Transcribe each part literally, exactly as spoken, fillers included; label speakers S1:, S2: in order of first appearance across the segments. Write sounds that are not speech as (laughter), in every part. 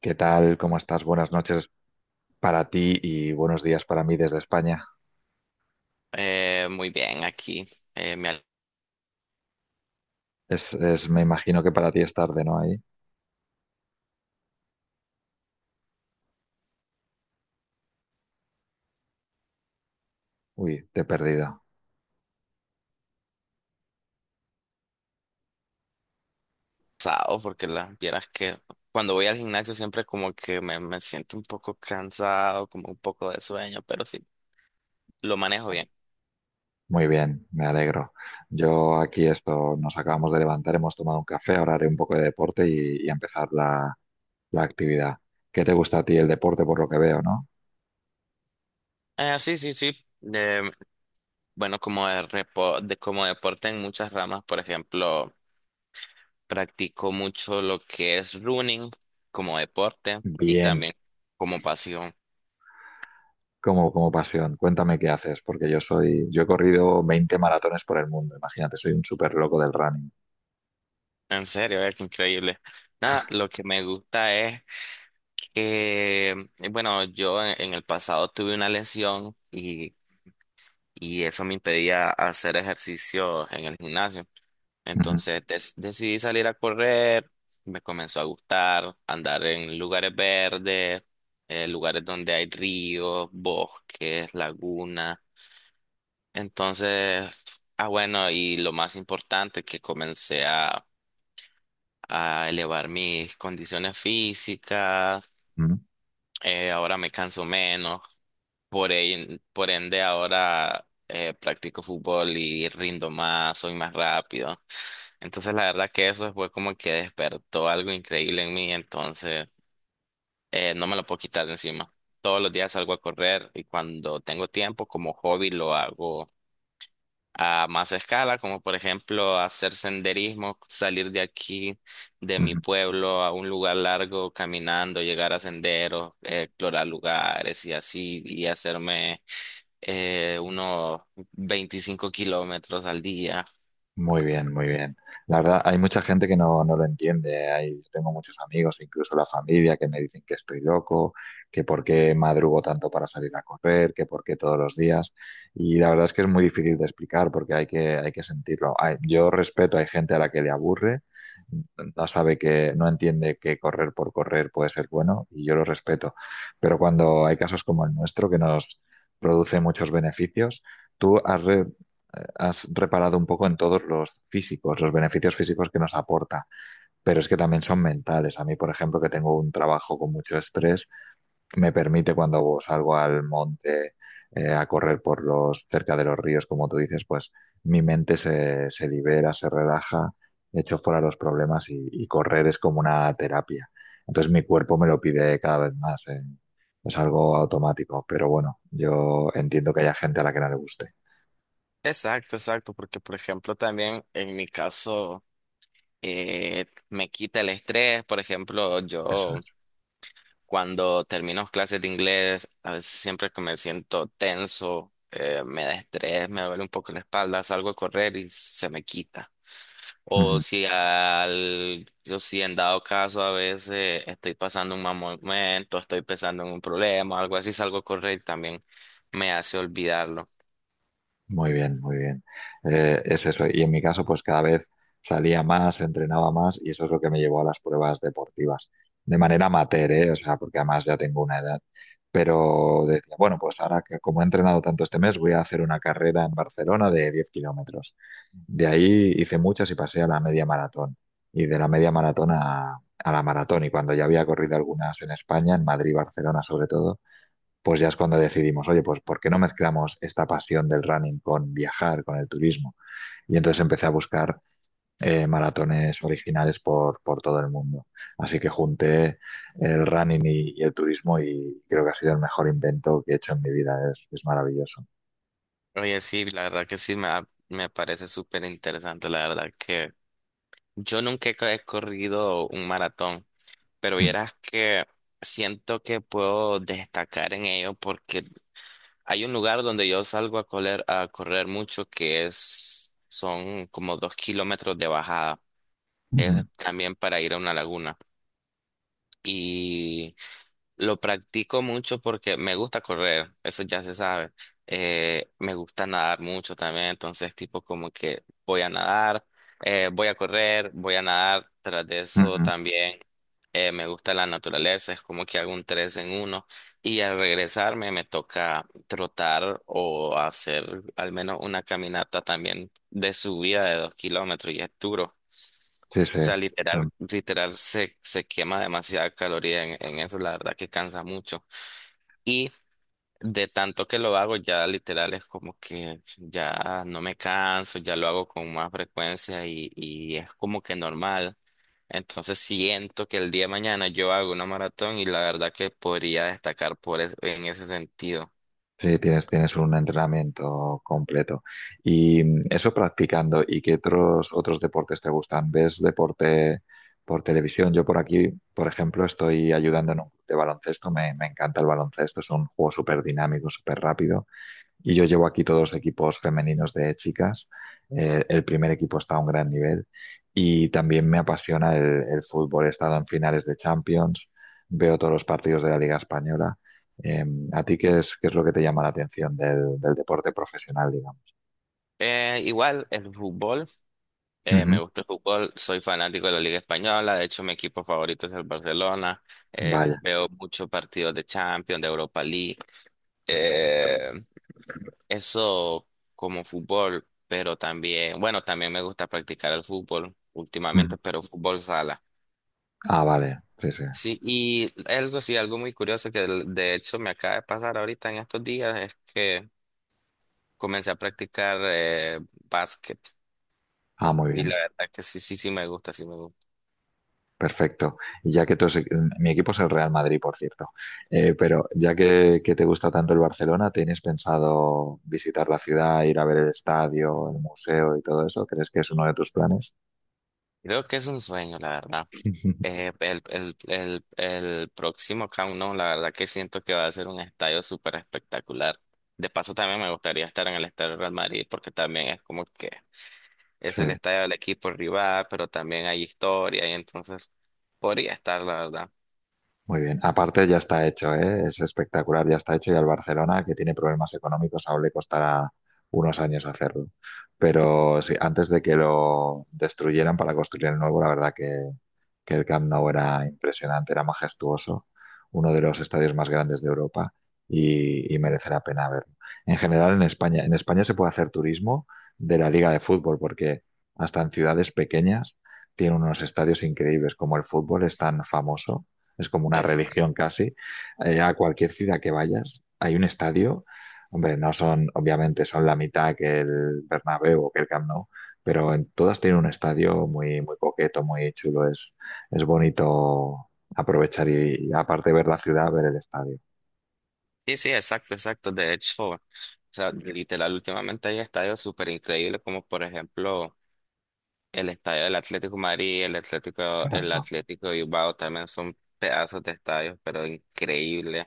S1: ¿Qué tal? ¿Cómo estás? Buenas noches para ti y buenos días para mí desde España.
S2: Eh, muy bien, aquí eh, me ha
S1: Es, es- me imagino que para ti es tarde, ¿no? Ahí. Uy, te he perdido.
S2: alzado porque la vieras que cuando voy al gimnasio siempre como que me, me siento un poco cansado, como un poco de sueño, pero sí, lo manejo bien.
S1: Muy bien, me alegro. Yo aquí esto, nos acabamos de levantar, hemos tomado un café, ahora haré un poco de deporte y, y empezar la, la actividad. ¿Qué te gusta a ti el deporte por lo que veo, ¿no?
S2: Eh, sí, sí, sí. Eh, bueno, como, de repo- de- como deporte en muchas ramas, por ejemplo, practico mucho lo que es running como deporte y
S1: Bien,
S2: también como pasión.
S1: como, como pasión. Cuéntame qué haces, porque yo soy, yo he corrido veinte maratones por el mundo, imagínate, soy un súper loco del running.
S2: En serio, es increíble. Nada, lo que me gusta es... Eh, bueno, yo en en el pasado tuve una lesión y, y eso me impedía hacer ejercicio en el gimnasio.
S1: Ujú,
S2: Entonces des- decidí salir a correr, me comenzó a gustar andar en lugares verdes, eh, lugares donde hay ríos, bosques, lagunas. Entonces, ah bueno, y lo más importante que comencé a, a elevar mis condiciones físicas,
S1: ujú,
S2: eh, ahora me canso menos. Por, ahí por ende, ahora eh, practico fútbol y rindo más, soy más rápido. Entonces, la verdad que eso fue como que despertó algo increíble en mí. Entonces, eh, no me lo puedo quitar de encima. Todos los días salgo a correr y cuando tengo tiempo, como hobby, lo hago a más escala, como por ejemplo hacer senderismo, salir de aquí, de mi
S1: ujú.
S2: pueblo, a un lugar largo caminando, llegar a senderos, eh, explorar lugares y así, y hacerme eh, unos veinticinco kilómetros al día.
S1: Muy bien, muy bien. La verdad, hay mucha gente que no, no lo entiende. Hay, tengo muchos amigos, incluso la familia, que me dicen que estoy loco, que por qué madrugo tanto para salir a correr, que por qué todos los días. Y la verdad es que es muy difícil de explicar porque hay que, hay que sentirlo. Hay- yo respeto, hay gente a la que le aburre, no sabe que, no entiende que correr por correr puede ser bueno y yo lo respeto. Pero cuando hay casos como el nuestro que nos produce muchos beneficios, ¿tú has, re- has reparado un poco en todos los físicos, los beneficios físicos que nos aporta, pero es que también son mentales? A mí, por ejemplo, que tengo un trabajo con mucho estrés, me permite cuando salgo al monte eh, a correr por los cerca de los ríos, como tú dices, pues mi mente se, se libera, se relaja, echo fuera los problemas y, y correr es como una terapia. Entonces mi cuerpo me lo pide cada vez más. eh. Es algo automático, pero bueno, yo entiendo que haya gente a la que no le guste.
S2: Exacto, exacto, porque por ejemplo también en mi caso eh, me quita el estrés, por ejemplo
S1: Eso
S2: yo...
S1: es.
S2: Cuando termino clases de inglés, a veces siempre que me siento tenso, eh, me da estrés, me duele un poco la espalda, salgo a correr y se me quita. O
S1: Ujú.
S2: si al, yo si en dado caso a veces estoy pasando un mal momento, estoy pensando en un problema, algo así, salgo a correr y también me hace olvidarlo.
S1: Muy bien, muy bien. Eh, es eso. Y en mi caso, pues cada vez salía más, entrenaba más y eso es lo que me llevó a las pruebas deportivas. De manera amateur, ¿eh? O sea, porque además ya tengo una edad. Pero decía, bueno, pues ahora que como he entrenado tanto este mes, voy a hacer una carrera en Barcelona de diez kilómetros. De ahí hice muchas y pasé a la media maratón. Y de la media maratón a, a la maratón. Y cuando ya había corrido algunas en España, en Madrid, Barcelona sobre todo, pues ya es cuando decidimos, oye, pues ¿por qué no mezclamos esta pasión del running con viajar, con el turismo? Y entonces empecé a buscar eh, maratones originales por, por, todo el mundo. Así que junté el running y, y, el turismo y creo que ha sido el mejor invento que he hecho en mi vida. Es, es maravilloso.
S2: Oye, sí, la verdad que sí, me, ha- me parece súper interesante, la verdad que yo nunca he corrido un maratón, pero
S1: Mm
S2: vieras que siento que puedo destacar en ello porque hay un lugar donde yo salgo a correr, a correr mucho que es, son como dos kilómetros de bajada.
S1: -hmm.
S2: Es también para ir a una laguna. Lo practico mucho porque me gusta correr, eso ya se sabe. Eh, me gusta nadar mucho también, entonces tipo como que voy a nadar, eh, voy a correr, voy a nadar. Tras de
S1: Mm
S2: eso
S1: -hmm.
S2: también eh, me gusta la naturaleza, es como que hago un tres en uno y al regresarme me toca trotar o hacer al menos una caminata también de subida de dos kilómetros y es duro.
S1: Sí, sí.
S2: O sea, literal, literal se, se quema demasiada caloría en, en eso, la verdad que cansa mucho. Y de tanto que lo hago, ya literal es como que ya no me canso, ya lo hago con más frecuencia y, y es como que normal. Entonces siento que el día de mañana yo hago una maratón y la verdad que podría destacar por es- en ese sentido.
S1: Sí, tienes, tienes un entrenamiento completo. Y mm, eso practicando, ¿y qué otros, otros deportes te gustan? ¿Ves deporte por televisión? Yo por aquí, por ejemplo, estoy ayudando en un club de baloncesto. Me, me encanta el baloncesto, es un juego súper dinámico, súper rápido y yo llevo aquí todos los equipos femeninos de chicas. Eh, el primer equipo está a un gran nivel y también me apasiona el, el fútbol. He estado en finales de Champions, veo todos los partidos de la Liga Española. Eh, ¿A ti qué es, qué es lo que te llama la atención del, del deporte profesional, digamos?
S2: Eh, igual el fútbol, eh, me
S1: Ujú,
S2: gusta el fútbol, soy fanático de la Liga Española, de hecho mi equipo favorito es el Barcelona, eh,
S1: vaya.
S2: veo muchos partidos de Champions, de Europa League. Eh, Eso como fútbol, pero también, bueno, también me gusta practicar el fútbol
S1: Ujú.
S2: últimamente, pero fútbol sala.
S1: Ah, vale. Sí, sí.
S2: Sí, y algo, sí, algo muy curioso que de de hecho me acaba de pasar ahorita en estos días es que comencé a practicar eh, básquet.
S1: Ah,
S2: pa-
S1: muy
S2: Y la
S1: bien.
S2: verdad que sí, sí, sí me gusta, sí me gusta.
S1: Perfecto. Y ya que tu se- mi equipo es el Real Madrid, por cierto. Eh, pero ya que, que te gusta tanto el Barcelona, ¿tienes pensado visitar la ciudad, ir a ver el estadio, el museo y todo eso? ¿Crees que es uno de tus planes?
S2: Creo que es un sueño, la verdad.
S1: (laughs)
S2: Eh, el, el, el, el próximo Camp Nou, la verdad que siento que va a ser un estadio súper espectacular. De paso, también me gustaría estar en el estadio del Real Madrid porque también es como que es el
S1: Sí.
S2: estadio del equipo rival, pero también hay historia y entonces podría estar, la verdad.
S1: Muy bien, aparte ya está hecho, ¿eh? Es espectacular, ya está hecho y al Barcelona, que tiene problemas económicos, aún le costará unos años hacerlo. Pero sí, antes de que lo destruyeran para construir el nuevo, la verdad que, que el Camp Nou era impresionante, era majestuoso, uno de los estadios más grandes de Europa y, y merece la pena verlo. En general, en España, en España se puede hacer turismo de la Liga de Fútbol, porque hasta en ciudades pequeñas tiene unos estadios increíbles, como el fútbol es tan famoso es como una
S2: Es,
S1: religión casi. Eh, a cualquier ciudad que vayas, hay un estadio. Hombre, no son, obviamente, son la mitad que el Bernabéu o que el Camp Nou, pero en todas tienen un estadio muy, muy coqueto, muy chulo. Es, es bonito aprovechar y, y aparte de ver la ciudad, ver el estadio.
S2: sí, sí, exacto, exacto. De hecho, o sea, literal, últimamente hay estadios súper increíbles como por ejemplo el estadio del Atlético de Madrid, el Atlético,
S1: Claro,
S2: el
S1: no.
S2: Atlético de Bilbao también son pedazos de estadios, pero increíbles.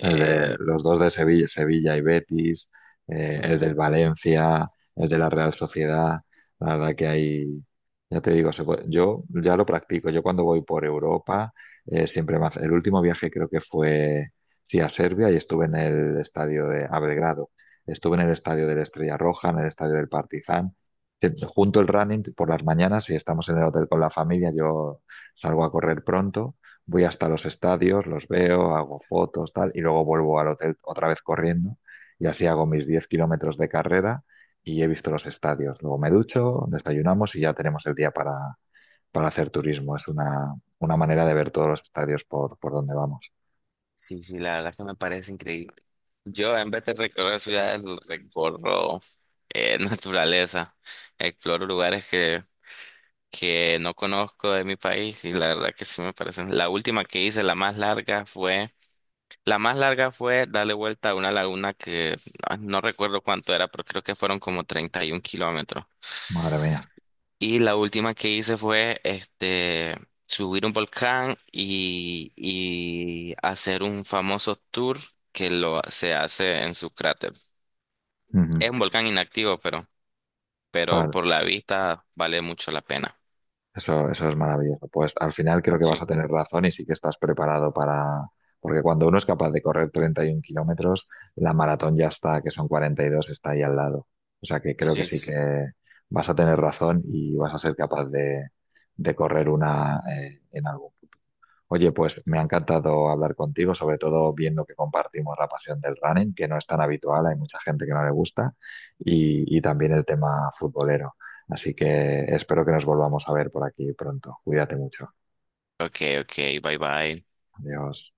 S1: El de los dos de Sevilla, Sevilla y Betis, eh, el del
S2: ujú.
S1: Valencia, el de la Real Sociedad. La verdad que hay, ya te digo. Se puede- yo ya lo practico. Yo cuando voy por Europa, eh, siempre más. El último viaje creo que fue, sí, a Serbia y estuve en el estadio de a Belgrado. Estuve en el estadio de la Estrella Roja, en el estadio del Partizan. Eh, Junto el running por las mañanas, si estamos en el hotel con la familia, yo salgo a correr pronto, voy hasta los estadios, los veo, hago fotos, tal, y luego vuelvo al hotel otra vez corriendo y así hago mis diez kilómetros de carrera y he visto los estadios. Luego me ducho, desayunamos y ya tenemos el día para, para, hacer turismo. Es una, una manera de ver todos los estadios por, por donde vamos.
S2: Sí, sí, la verdad que me parece increíble. Yo en vez de recorrer ciudades, recorro eh, (laughs) naturaleza, exploro lugares que, que no conozco de mi país y la verdad que sí me parecen. La última que hice, la más larga fue, La más larga fue darle vuelta a una laguna que ah, no recuerdo cuánto era, pero creo que fueron como treinta y un kilómetros.
S1: Madre mía.
S2: Y la última que hice fue este, subir un volcán y, y hacer un famoso tour que lo, se hace en su cráter.
S1: Ujú.
S2: Es un volcán inactivo, pero, pero
S1: Vale.
S2: por la vista vale mucho la pena.
S1: Eso, eso es maravilloso. Pues al final creo que vas a
S2: Sí.
S1: tener razón y sí que estás preparado para. Porque cuando uno es capaz de correr treinta y un kilómetros, la maratón ya está, que son cuarenta y dos, está ahí al lado. O sea que creo que sí
S2: Sí.
S1: que vas a tener razón y vas a ser capaz de, de correr una eh, en algún. Oye, pues me ha encantado hablar contigo, sobre todo viendo que compartimos la pasión del running, que no es tan habitual, hay mucha gente que no le gusta, y, y también el tema futbolero. Así que espero que nos volvamos a ver por aquí pronto. Cuídate mucho.
S2: Ok, ok, bye bye.
S1: Adiós.